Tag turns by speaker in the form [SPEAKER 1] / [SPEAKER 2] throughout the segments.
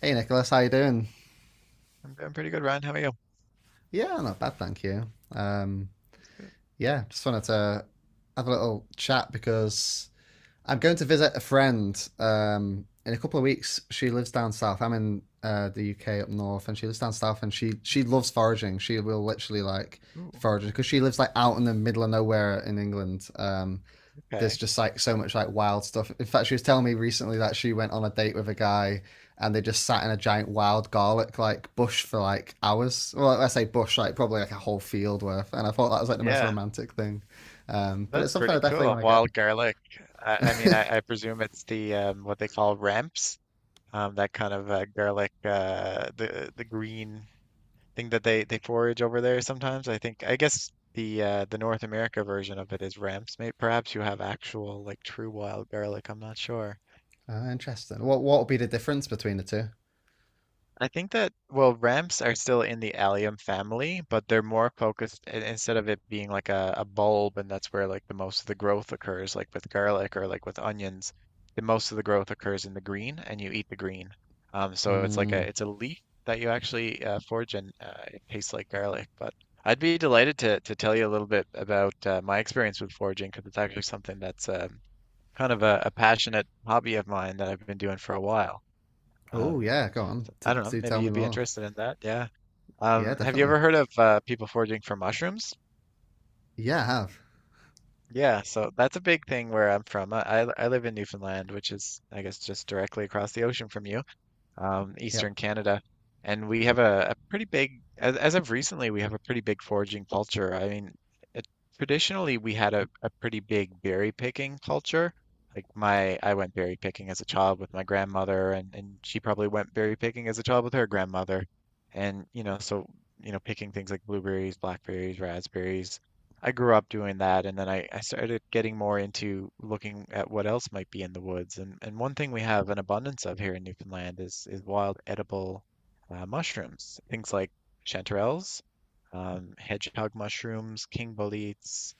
[SPEAKER 1] Hey Nicholas, how you doing?
[SPEAKER 2] I'm doing pretty good, Ryan. How are you?
[SPEAKER 1] Yeah, not bad, thank you.
[SPEAKER 2] Good.
[SPEAKER 1] Yeah, just wanted to have a little chat because I'm going to visit a friend in a couple of weeks. She lives down south. I'm in the UK up north, and she lives down south, and she loves foraging. She will literally like
[SPEAKER 2] Ooh,
[SPEAKER 1] foraging because she lives like out in the middle of nowhere in England. There's
[SPEAKER 2] okay.
[SPEAKER 1] just like so much like wild stuff. In fact, she was telling me recently that she went on a date with a guy and they just sat in a giant wild garlic like bush for like hours. Well, I say bush, like probably like a whole field worth. And I thought that was like the most
[SPEAKER 2] Yeah,
[SPEAKER 1] romantic thing. But
[SPEAKER 2] that's
[SPEAKER 1] it's something I
[SPEAKER 2] pretty
[SPEAKER 1] definitely
[SPEAKER 2] cool.
[SPEAKER 1] want to get.
[SPEAKER 2] Wild garlic. I mean, I presume it's the what they call ramps, that kind of garlic, the green thing that they forage over there sometimes. I think I guess the North America version of it is ramps. Maybe perhaps you have actual like true wild garlic. I'm not sure.
[SPEAKER 1] Interesting. What would be the difference between the two?
[SPEAKER 2] I think that, well, ramps are still in the allium family, but they're more focused instead of it being like a bulb, and that's where like the most of the growth occurs, like with garlic or like with onions, the most of the growth occurs in the green and you eat the green. So it's like
[SPEAKER 1] Mm.
[SPEAKER 2] a it's a leaf that you actually forage, and it tastes like garlic. But I'd be delighted to tell you a little bit about my experience with foraging, because it's actually something that's kind of a passionate hobby of mine that I've been doing for a while.
[SPEAKER 1] Oh
[SPEAKER 2] Um,
[SPEAKER 1] yeah, go on.
[SPEAKER 2] so, I don't know.
[SPEAKER 1] Do
[SPEAKER 2] Maybe
[SPEAKER 1] tell me
[SPEAKER 2] you'd be
[SPEAKER 1] more.
[SPEAKER 2] interested in that. Yeah.
[SPEAKER 1] Yeah,
[SPEAKER 2] Have you
[SPEAKER 1] definitely.
[SPEAKER 2] ever heard of people foraging for mushrooms?
[SPEAKER 1] Yeah, I have.
[SPEAKER 2] Yeah. So that's a big thing where I'm from. I live in Newfoundland, which is, I guess, just directly across the ocean from you. um,
[SPEAKER 1] Yep.
[SPEAKER 2] Eastern Canada. And we have a pretty big, as of recently, we have a pretty big foraging culture. I mean, it, traditionally, we had a pretty big berry picking culture. Like my, I went berry picking as a child with my grandmother, and she probably went berry picking as a child with her grandmother. And, you know, so, you know, picking things like blueberries, blackberries, raspberries, I grew up doing that, and then I started getting more into looking at what else might be in the woods. And one thing we have an abundance of here in Newfoundland is wild edible mushrooms, things like chanterelles, hedgehog mushrooms, king boletes,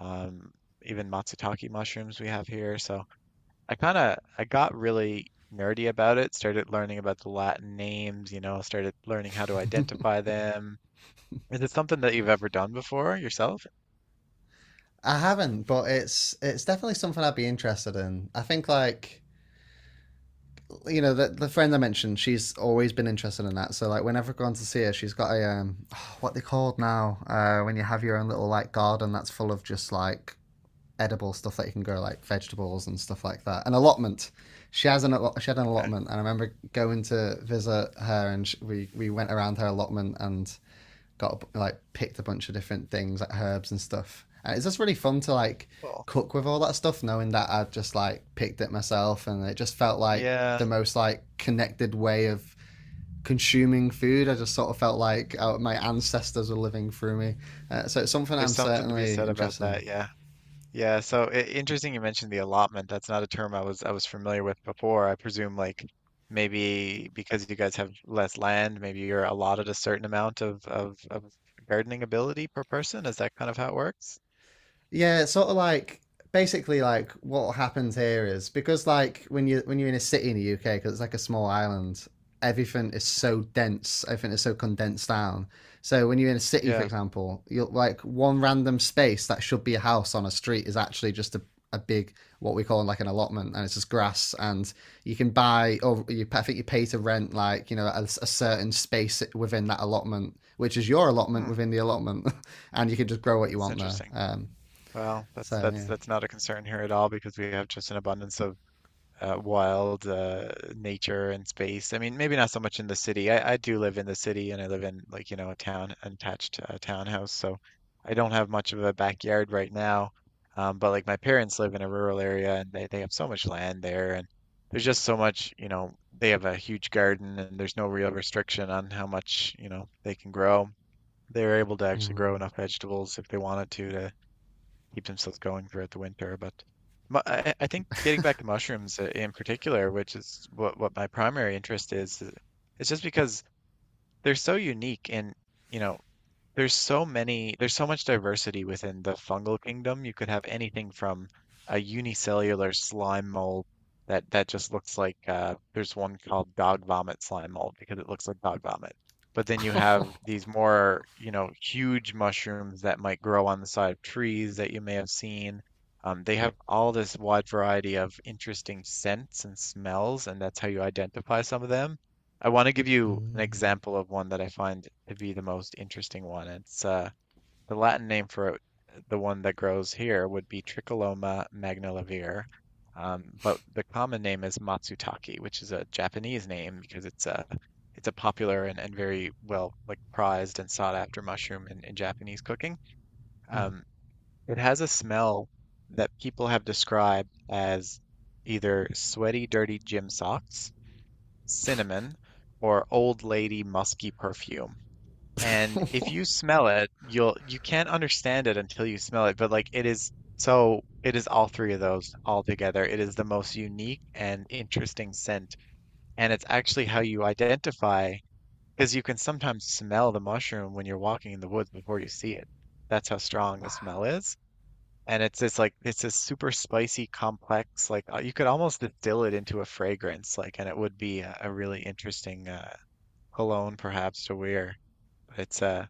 [SPEAKER 2] um, even matsutake mushrooms we have here. So I kind of I got really nerdy about it, started learning about the Latin names, you know, started learning how to identify them. Is it something that you've ever done before yourself?
[SPEAKER 1] I haven't, but it's definitely something I'd be interested in. I think like you know, the friend I mentioned, she's always been interested in that. So like, whenever I've gone to see her, she's got a oh, what they called now when you have your own little like garden that's full of just like edible stuff that you can grow, like vegetables and stuff like that. An allotment. She has an she had an
[SPEAKER 2] Okay,
[SPEAKER 1] allotment, and I remember going to visit her, and sh we went around her allotment and got like picked a bunch of different things like herbs and stuff. And it's just really fun to like
[SPEAKER 2] cool.
[SPEAKER 1] cook with all that stuff, knowing that I've just like picked it myself, and it just felt like
[SPEAKER 2] Yeah,
[SPEAKER 1] the most like connected way of consuming food. I just sort of felt like my ancestors were living through me. So it's something
[SPEAKER 2] there's
[SPEAKER 1] I'm
[SPEAKER 2] something to be
[SPEAKER 1] certainly
[SPEAKER 2] said about
[SPEAKER 1] interested in.
[SPEAKER 2] that. Yeah. Yeah, so I interesting you mentioned the allotment. That's not a term I was familiar with before. I presume like maybe because you guys have less land, maybe you're allotted a certain amount of gardening ability per person. Is that kind of how it works?
[SPEAKER 1] Yeah, it's sort of like basically like what happens here is because like when you're in a city in the UK because it's like a small island, everything is
[SPEAKER 2] Hmm.
[SPEAKER 1] so dense, everything is so condensed down. So when you're in a city, for
[SPEAKER 2] Yeah.
[SPEAKER 1] example, you'll like one random space that should be a house on a street is actually just a big what we call like an allotment and it's just grass and you can buy or you I think you pay to rent like you know a certain space within that allotment which is your allotment
[SPEAKER 2] Hmm.
[SPEAKER 1] within the allotment and you can just grow what you
[SPEAKER 2] That's
[SPEAKER 1] want there
[SPEAKER 2] interesting. Well, that's
[SPEAKER 1] so
[SPEAKER 2] that's
[SPEAKER 1] yeah.
[SPEAKER 2] that's not a concern here at all, because we have just an abundance of wild nature and space. I mean, maybe not so much in the city. I do live in the city, and I live in like, you know, a town, an attached townhouse. So I don't have much of a backyard right now. But like my parents live in a rural area, and they have so much land there, and there's just so much, you know, they have a huge garden, and there's no real restriction on how much, you know, they can grow. They're able to actually grow
[SPEAKER 1] Mm.
[SPEAKER 2] enough vegetables if they wanted to keep themselves going throughout the winter. But I think getting back to mushrooms in particular, which is what my primary interest is, it's just because they're so unique, and you know there's so many, there's so much diversity within the fungal kingdom. You could have anything from a unicellular slime mold that just looks like there's one called dog vomit slime mold because it looks like dog vomit. But then you have these more, you know, huge mushrooms that might grow on the side of trees that you may have seen. They have all this wide variety of interesting scents and smells, and that's how you identify some of them. I want to give you an
[SPEAKER 1] Mm.
[SPEAKER 2] example of one that I find to be the most interesting one. It's The Latin name for it, the one that grows here, would be Tricholoma magnivelare, but the common name is Matsutake, which is a Japanese name because it's a popular and very well like prized and sought after mushroom in Japanese cooking.
[SPEAKER 1] Mm.
[SPEAKER 2] Um, it has a smell that people have described as either sweaty, dirty gym socks, cinnamon, or old lady musky perfume. And if you smell it, you can't understand it until you smell it, but like it is, so it is all three of those all together. It is the most unique and interesting scent, and it's actually how you identify, because you can sometimes smell the mushroom when you're walking in the woods before you see it. That's how strong the
[SPEAKER 1] Wow.
[SPEAKER 2] smell is. And it's this like it's this super spicy, complex like you could almost distill it into a fragrance like, and it would be a really interesting Cologne perhaps to Weir. But it's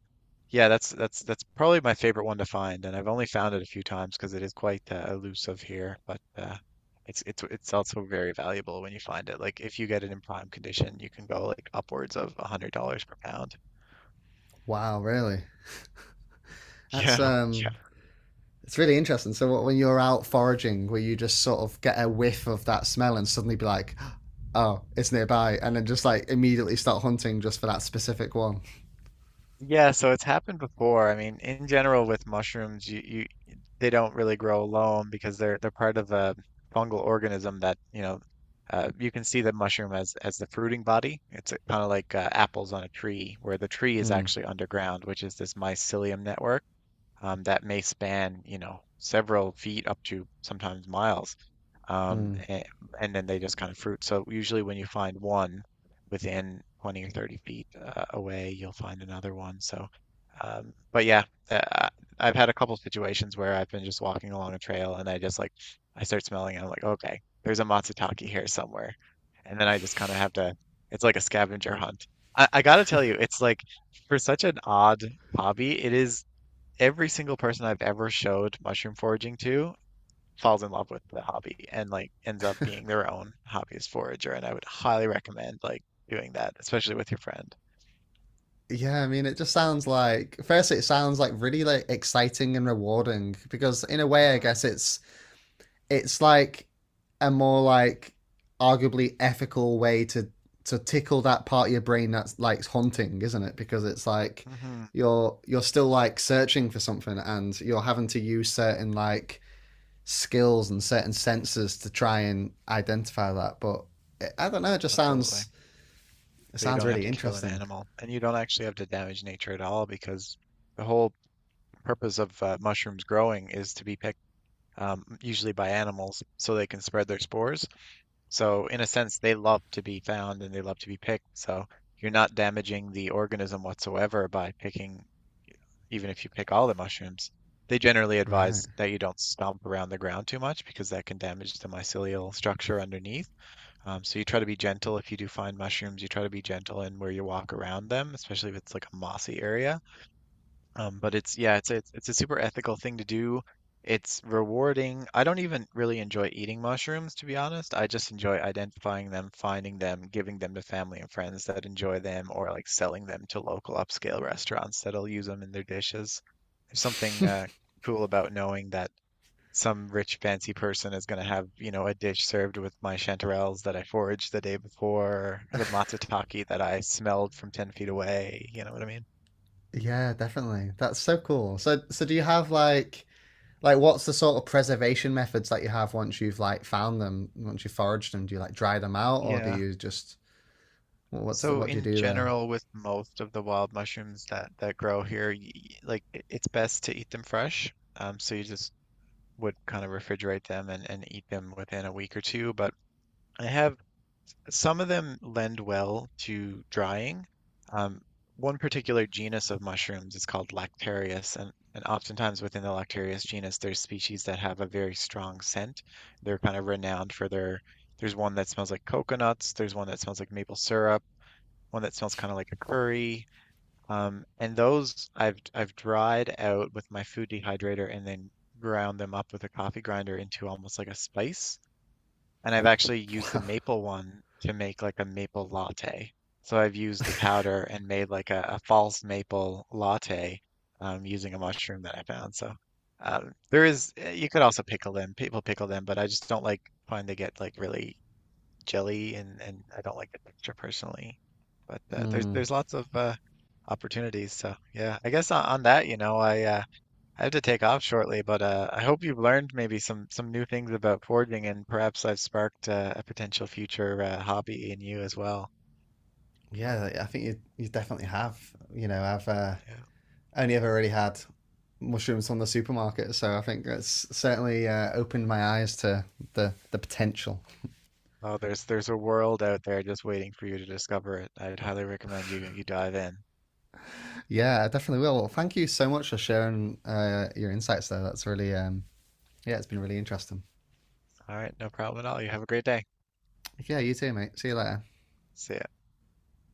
[SPEAKER 2] Yeah, that's that's probably my favorite one to find, and I've only found it a few times because it is quite elusive here. But It's it's also very valuable when you find it. Like if you get it in prime condition, you can go like upwards of $100 per pound.
[SPEAKER 1] Wow, really? That's
[SPEAKER 2] Yeah, yeah.
[SPEAKER 1] it's really interesting. So what, when you're out foraging, where you just sort of get a whiff of that smell and suddenly be like, "Oh, it's nearby," and then just like immediately start hunting just for that specific one.
[SPEAKER 2] Yeah, so it's happened before. I mean, in general with mushrooms, you they don't really grow alone because they're part of a fungal organism that, you know, you can see the mushroom as the fruiting body. It's kind of like apples on a tree, where the tree is
[SPEAKER 1] Mm.
[SPEAKER 2] actually underground, which is this mycelium network, that may span, you know, several feet up to sometimes miles, um,
[SPEAKER 1] Mm.
[SPEAKER 2] and, and then they just kind of fruit. So usually when you find one within 20 or 30 feet away, you'll find another one. So, but Yeah, uh, I- have had a couple situations where I've been just walking along a trail and I just like, I start smelling and I'm like, okay, there's a matsutake here somewhere. And then I just kind of have to, it's like a scavenger hunt. I gotta tell you, it's like, for such an odd hobby, it is every single person I've ever showed mushroom foraging to falls in love with the hobby and like ends up being their own hobbyist forager. And I would highly recommend like doing that, especially with your friend.
[SPEAKER 1] Yeah, I mean, it just sounds like first, it sounds like really like exciting and rewarding because in a way, I
[SPEAKER 2] Mm-hmm.
[SPEAKER 1] guess it's like a more like arguably ethical way to tickle that part of your brain that's like haunting, isn't it? Because it's like
[SPEAKER 2] Mm-hmm.
[SPEAKER 1] you're still like searching for something and you're having to use certain like skills and certain senses to try and identify that. But it, I don't know, it just
[SPEAKER 2] Absolutely.
[SPEAKER 1] sounds it
[SPEAKER 2] But you
[SPEAKER 1] sounds
[SPEAKER 2] don't have
[SPEAKER 1] really
[SPEAKER 2] to kill an
[SPEAKER 1] interesting.
[SPEAKER 2] animal, and you don't actually have to damage nature at all, because the whole purpose of mushrooms growing is to be picked, usually by animals, so they can spread their spores. So in a sense, they love to be found and they love to be picked. So you're not damaging the organism whatsoever by picking. Even if you pick all the mushrooms, they generally
[SPEAKER 1] Right.
[SPEAKER 2] advise that you don't stomp around the ground too much, because that can damage the mycelial structure underneath. So you try to be gentle if you do find mushrooms. You try to be gentle in where you walk around them, especially if it's like a mossy area. But it's Yeah, it's it's a super ethical thing to do. It's rewarding. I don't even really enjoy eating mushrooms, to be honest. I just enjoy identifying them, finding them, giving them to family and friends that enjoy them, or like selling them to local upscale restaurants that'll use them in their dishes. There's something cool about knowing that some rich fancy person is going to have, you know, a dish served with my chanterelles that I foraged the day before, the matsutake that I smelled from 10 feet away. You know what I mean?
[SPEAKER 1] Yeah, definitely. That's so cool. So so do you have like, what's the sort of preservation methods that you have once you've like found them, once you foraged them? Do you like dry them out, or do
[SPEAKER 2] Yeah.
[SPEAKER 1] you just what's the
[SPEAKER 2] So
[SPEAKER 1] what do you
[SPEAKER 2] in
[SPEAKER 1] do there?
[SPEAKER 2] general, with most of the wild mushrooms that grow here, it's best to eat them fresh. You just would kind of refrigerate them and eat them within a week or two. But I have some of them lend well to drying. Um, one particular genus of mushrooms is called Lactarius, and oftentimes within the Lactarius genus, there's species that have a very strong scent. They're kind of renowned for their, there's one that smells like coconuts, there's one that smells like maple syrup, one that smells kind of like a curry. And those I've dried out with my food dehydrator and then ground them up with a coffee grinder into almost like a spice. And I've actually used the maple one to make like a maple latte. So I've used the powder and made like a false maple latte, using a mushroom that I found. There is, you could also pickle them. People pickle them, but I just don't like find they get like really jelly, and I don't like the texture personally. But There's
[SPEAKER 1] Hmm.
[SPEAKER 2] lots of opportunities. So yeah, I guess on that, you know, I have to take off shortly, but I hope you've learned maybe some new things about forging, and perhaps I've sparked a potential future hobby in you as well.
[SPEAKER 1] Yeah, I think you you definitely have. You know, I've
[SPEAKER 2] Yeah.
[SPEAKER 1] only ever really had mushrooms from the supermarket, so I think that's certainly opened my eyes to the potential.
[SPEAKER 2] Oh, there's a world out there just waiting for you to discover it. I'd highly recommend you dive in.
[SPEAKER 1] Yeah, I definitely will. Well, thank you so much for sharing your insights there. That's really yeah, it's been really interesting.
[SPEAKER 2] All right, no problem at all. You have a great day.
[SPEAKER 1] Yeah, you too, mate. See you later.
[SPEAKER 2] See ya.